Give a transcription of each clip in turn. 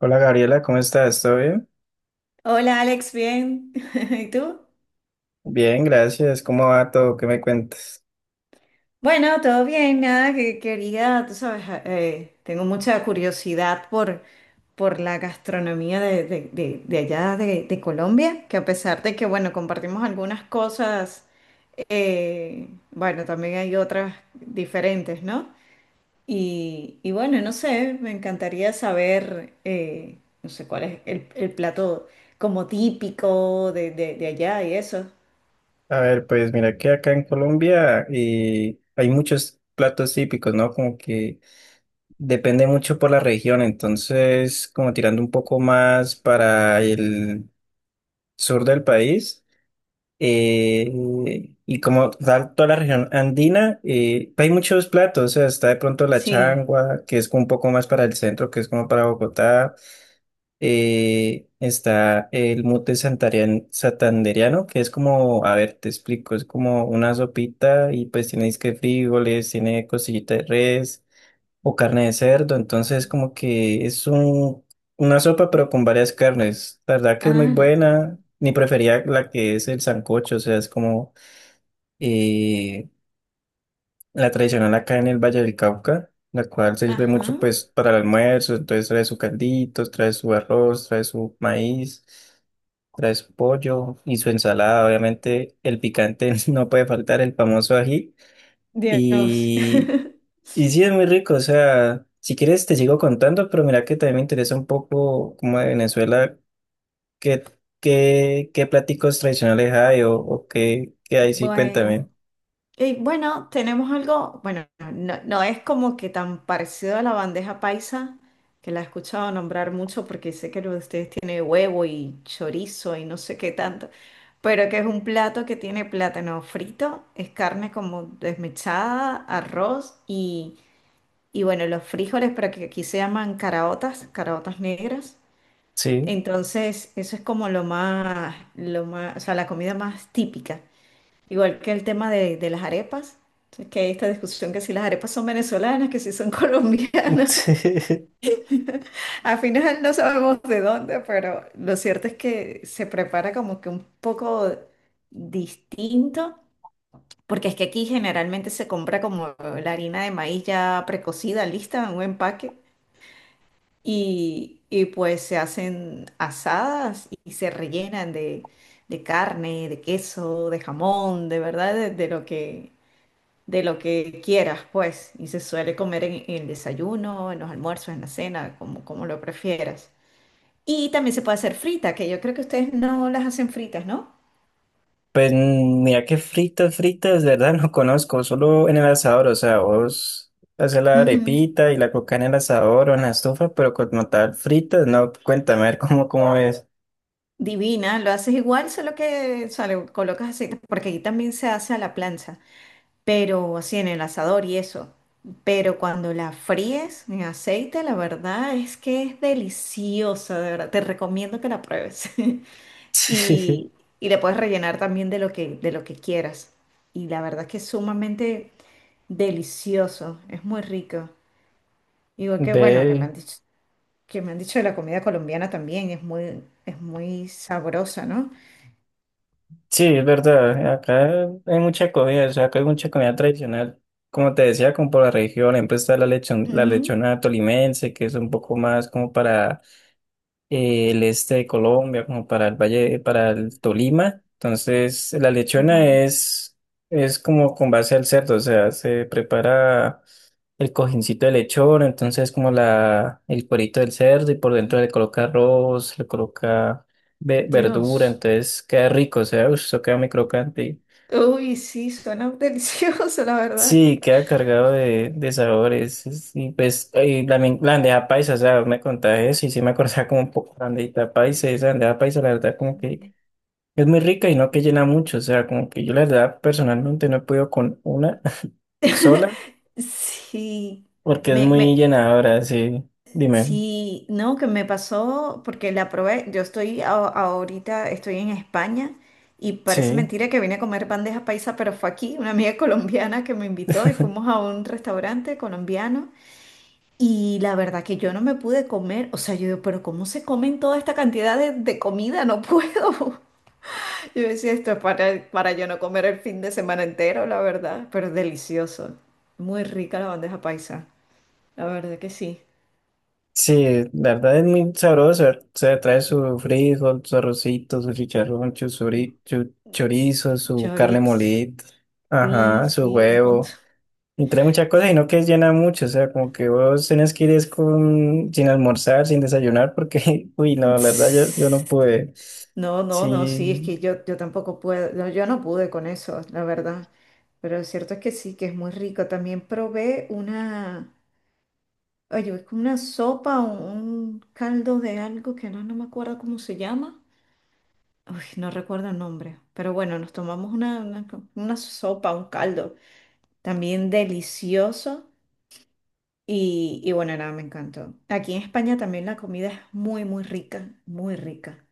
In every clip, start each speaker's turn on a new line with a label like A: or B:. A: Hola Gabriela, ¿cómo estás? ¿Todo bien?
B: Hola Alex, bien. ¿Y tú?
A: Bien, gracias. ¿Cómo va todo? ¿Qué me cuentas?
B: Bueno, todo bien, nada que quería, tú sabes, tengo mucha curiosidad por la gastronomía de allá de Colombia, que a pesar de que, bueno, compartimos algunas cosas, bueno, también hay otras diferentes, ¿no? Y bueno, no sé, me encantaría saber, no sé, cuál es el plato como típico de allá y eso.
A: A ver, pues mira que acá en Colombia hay muchos platos típicos, ¿no? Como que depende mucho por la región, entonces como tirando un poco más para el sur del país eh, y como tal toda la región andina, hay muchos platos, o sea, está de pronto la
B: Sí.
A: changua, que es como un poco más para el centro, que es como para Bogotá. Está el santandereano, que es como, a ver, te explico, es como una sopita y pues tiene disque frijoles, tiene costillita de res o carne de cerdo, entonces como que es una sopa pero con varias carnes. La verdad que es muy
B: Ah,
A: buena, mi preferida la que es el sancocho, o sea, es como, eh, la tradicional acá en el Valle del Cauca, la cual se sirve mucho
B: ajá.
A: pues para el almuerzo, entonces trae su caldito, trae su arroz, trae su maíz, trae su pollo y su ensalada, obviamente el picante no puede faltar, el famoso ají,
B: Dios.
A: y, y sí es muy rico, o sea, si quieres te sigo contando, pero mira que también me interesa un poco como de Venezuela, qué, qué platicos tradicionales hay o qué, qué hay, sí, cuéntame.
B: Bueno. Y bueno, tenemos algo, bueno, no, no es como que tan parecido a la bandeja paisa, que la he escuchado nombrar mucho porque sé que lo de ustedes tiene huevo y chorizo y no sé qué tanto, pero que es un plato que tiene plátano frito, es carne como desmechada, arroz y bueno, los frijoles, pero que aquí se llaman caraotas, caraotas negras.
A: Sí.
B: Entonces, eso es como lo más, o sea, la comida más típica. Igual que el tema de las arepas. Entonces, que hay esta discusión que si las arepas son venezolanas, que si son colombianas. Al final no sabemos de dónde, pero lo cierto es que se prepara como que un poco distinto, porque es que aquí generalmente se compra como la harina de maíz ya precocida, lista en un empaque. Pues se hacen asadas y se rellenan de carne, de queso, de jamón, de verdad, de lo que quieras, pues. Y se suele comer en el desayuno, en los almuerzos, en la cena, como lo prefieras. Y también se puede hacer frita, que yo creo que ustedes no las hacen fritas, ¿no?
A: Pues mira que fritas, de verdad no conozco, solo en el asador, o sea, vos haces la
B: Ujú.
A: arepita y la coca en el asador o en la estufa, pero como tal, fritas, no, cuéntame a ver cómo es.
B: Divina, lo haces igual, solo que, o sea, le colocas aceite, porque aquí también se hace a la plancha, pero así en el asador y eso. Pero cuando la fríes en aceite, la verdad es que es deliciosa, de verdad. Te recomiendo que la pruebes.
A: Sí,
B: Y, y le puedes rellenar también de lo que quieras. Y la verdad es que es sumamente delicioso, es muy rico. Igual que bueno, que me
A: ve,
B: han dicho, que me han dicho de la comida colombiana también, es muy sabrosa, ¿no?
A: sí, es verdad, acá hay mucha comida, o sea, acá hay mucha comida tradicional, como te decía, como por la región, siempre está la
B: Ujú,
A: lechona tolimense, que es un poco más como para el este de Colombia, como para el Valle, para el Tolima. Entonces, la
B: ujú.
A: lechona es como con base al cerdo, o sea, se prepara el cojincito de lechón, entonces como el cuerito del cerdo y por dentro le coloca arroz, le coloca verdura,
B: Dios.
A: entonces queda rico, o sea, uff, eso queda muy crocante.
B: Uy, sí, suena delicioso, la verdad.
A: Sí, queda cargado de sabores. Y la, la bandeja paisa, o sea, vos me contaba eso y sí me acordaba como un poco la bandejita paisa. Esa bandeja paisa, la verdad, como que es muy rica y no que llena mucho. O sea, como que yo la verdad personalmente no he podido con una sola
B: Sí,
A: porque es
B: me,
A: muy
B: me,
A: llenadora. Sí, dime.
B: sí, no, que me pasó porque la probé. Yo estoy ahorita, estoy en España y parece
A: Sí.
B: mentira que vine a comer bandeja paisa, pero fue aquí una amiga colombiana que me invitó y fuimos a un restaurante colombiano. Y la verdad que yo no me pude comer, o sea, yo digo, pero ¿cómo se comen toda esta cantidad de comida? No puedo. Yo decía, esto es para yo no comer el fin de semana entero, la verdad, pero delicioso. Muy rica la bandeja paisa. La verdad que sí.
A: Sí, la verdad es muy sabroso. O sea, trae su frijol, su arrocito, su chicharrón, su chorizo, su carne
B: Chori,
A: molida,
B: sí,
A: ajá, su
B: sí, un montón.
A: huevo. Y trae muchas cosas, sino que llena mucho, o sea, como que vos tenés que ir es con, sin almorzar, sin desayunar, porque, uy, no, la verdad, yo no pude.
B: No, no, no, sí, es
A: Sí,
B: que yo tampoco puedo, no, yo no pude con eso, la verdad. Pero lo cierto es que sí, que es muy rico. También probé una, oye, es como una sopa o un caldo de algo que no, no me acuerdo cómo se llama. Uy, no recuerdo el nombre. Pero bueno, nos tomamos una sopa, un caldo. También delicioso. Y bueno, nada, me encantó. Aquí en España también la comida es muy, muy rica, muy rica.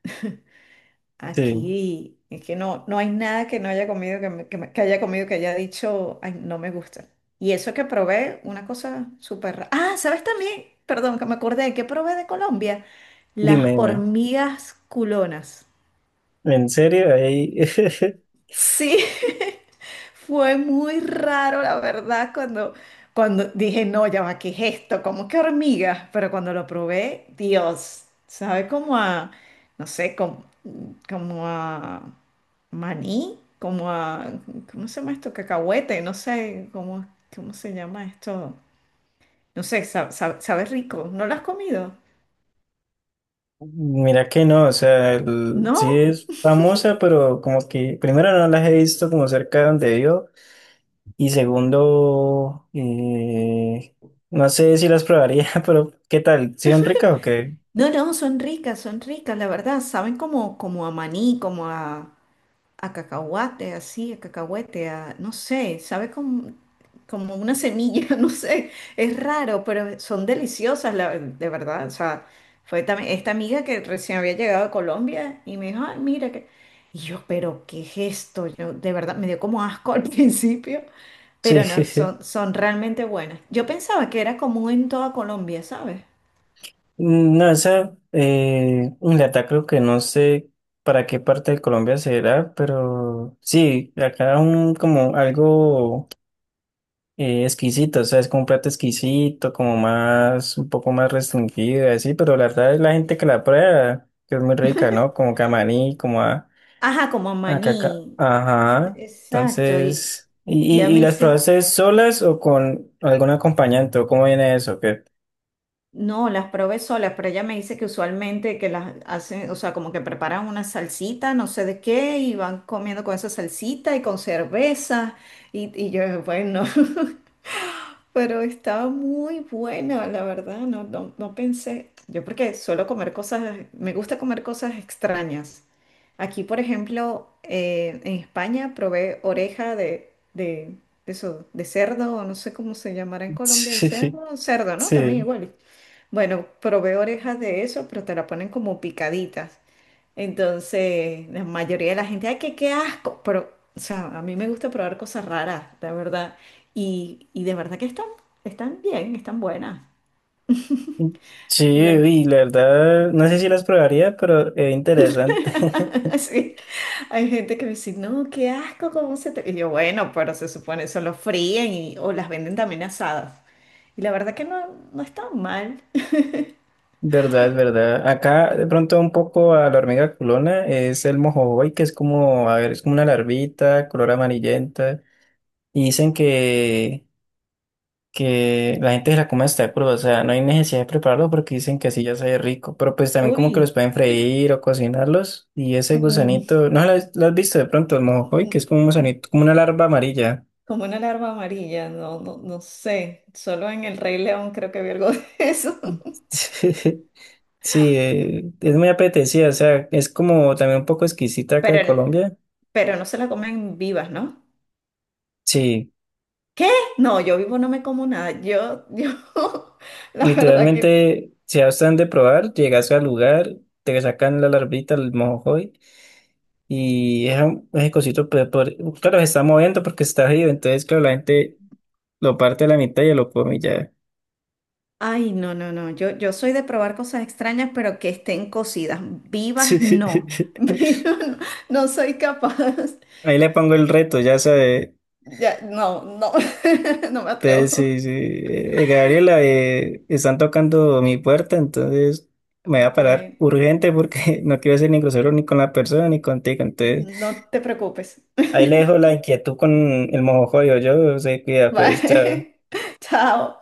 A: sí,
B: Aquí es que no, no hay nada que no haya comido, que, que haya comido, que haya dicho, ay, no me gusta. Y eso que probé, una cosa súper rara. Ah, ¿sabes también? Perdón, que me acordé, ¿que probé de Colombia? Las
A: dime.
B: hormigas culonas.
A: ¿En serio? Ahí,
B: Sí. Fue muy raro, la verdad, cuando dije, no, ya va, ¿qué es esto? ¿Cómo que hormigas? Pero cuando lo probé, Dios, sabe como a, no sé, como a maní, como a, ¿cómo se llama esto? Cacahuete, no sé, ¿cómo se llama esto? No sé, sabe rico. ¿No lo has comido?
A: mira que no, o sea, sí
B: No,
A: es famosa, pero como que, primero no las he visto como cerca de donde vivo, y segundo, no sé si las probaría, pero ¿qué tal? ¿Sí son ricas o qué?
B: no, no, son ricas, la verdad, saben como a maní, como a... A cacahuate, así, a cacahuete, a, no sé, sabe como una semilla, no sé, es raro, pero son deliciosas, de verdad. O sea, fue también esta amiga que recién había llegado a Colombia y me dijo, ay, mira que... Y yo, pero ¿qué es esto? Yo, de verdad, me dio como asco al principio,
A: Sí.
B: pero no, son, son realmente buenas. Yo pensaba que era común en toda Colombia, ¿sabes?
A: Mm, no, esa, Inglaterra creo que no sé para qué parte de Colombia será, pero sí, acá un como algo exquisito, o sea, es como un plato exquisito, como más, un poco más restringido, y así, pero la verdad es la gente que la prueba, que es muy rica, ¿no? Como camarí, como
B: Ajá, como
A: a caca,
B: maní.
A: ajá,
B: Exacto. Y
A: entonces...
B: ya
A: Y
B: me
A: las
B: hice,
A: probaste solas o con algún acompañante? ¿O ¿cómo viene eso? ¿Qué?
B: no, las probé solas, pero ella me dice que usualmente que las hacen, o sea, como que preparan una salsita, no sé de qué, y van comiendo con esa salsita y con cerveza, y yo, bueno, pero estaba muy buena, la verdad, no, no, no pensé, yo porque suelo comer cosas, me gusta comer cosas extrañas. Aquí, por ejemplo, en España probé oreja de, de eso, de cerdo, o no sé cómo se llamará en Colombia el
A: Sí,
B: cerdo, cerdo, ¿no? También
A: sí.
B: igual. Bueno, probé orejas de eso, pero te la ponen como picaditas. Entonces, la mayoría de la gente, ay, qué asco. Pero, o sea, a mí me gusta probar cosas raras, la verdad. Y de verdad que están bien, están buenas.
A: Sí,
B: Y la,
A: y la verdad, no sé si las probaría, pero es interesante.
B: sí, hay gente que me dice, no, qué asco, ¿cómo se te...? Y yo, bueno, pero se supone, eso lo fríen y, o las venden también asadas. Y la verdad que no, no están mal.
A: Verdad, es verdad. Acá de pronto un poco a la hormiga culona es el mojojoy, que es como, a ver, es como una larvita, color amarillenta. Y dicen que la gente se la come hasta cruda, o sea, no hay necesidad de prepararlo porque dicen que así ya sabe rico. Pero pues también como que
B: Uy.
A: los pueden freír o cocinarlos. Y ese
B: Mm,
A: gusanito, ¿no lo has, lo has visto de pronto, el mojojoy, que
B: mm,
A: es como un
B: mm.
A: gusanito, como una larva amarilla?
B: Como una alarma amarilla, no, no, no sé. Solo en El Rey León creo que vi algo de eso.
A: Sí, es muy apetecida, o sea, es como también un poco exquisita acá de
B: Pero,
A: Colombia.
B: pero no se la comen vivas, ¿no?
A: Sí,
B: ¿Qué? No, yo vivo no me como nada. Yo, la verdad que...
A: literalmente, si ya están de probar, llegas al lugar, te sacan la larvita, el mojojoy, y es un ese cosito, pero, claro, se está moviendo porque está vivo, entonces, claro, la gente lo parte a la mitad y ya lo come y ya.
B: Ay, no, no, no. Yo soy de probar cosas extrañas, pero que estén cocidas. Vivas, no. Vivas, no, no soy capaz.
A: Ahí le pongo el reto, ya sabe.
B: Ya, no, no, no me
A: Entonces,
B: atrevo.
A: sí, sí, Gabriela, están tocando mi puerta, entonces me voy a parar
B: Bueno,
A: urgente porque no quiero ser ni grosero ni con la persona ni contigo. Entonces,
B: no te preocupes.
A: ahí le dejo la inquietud con el mojojoyo. Yo se cuida, pues, chao.
B: Bye. Chao.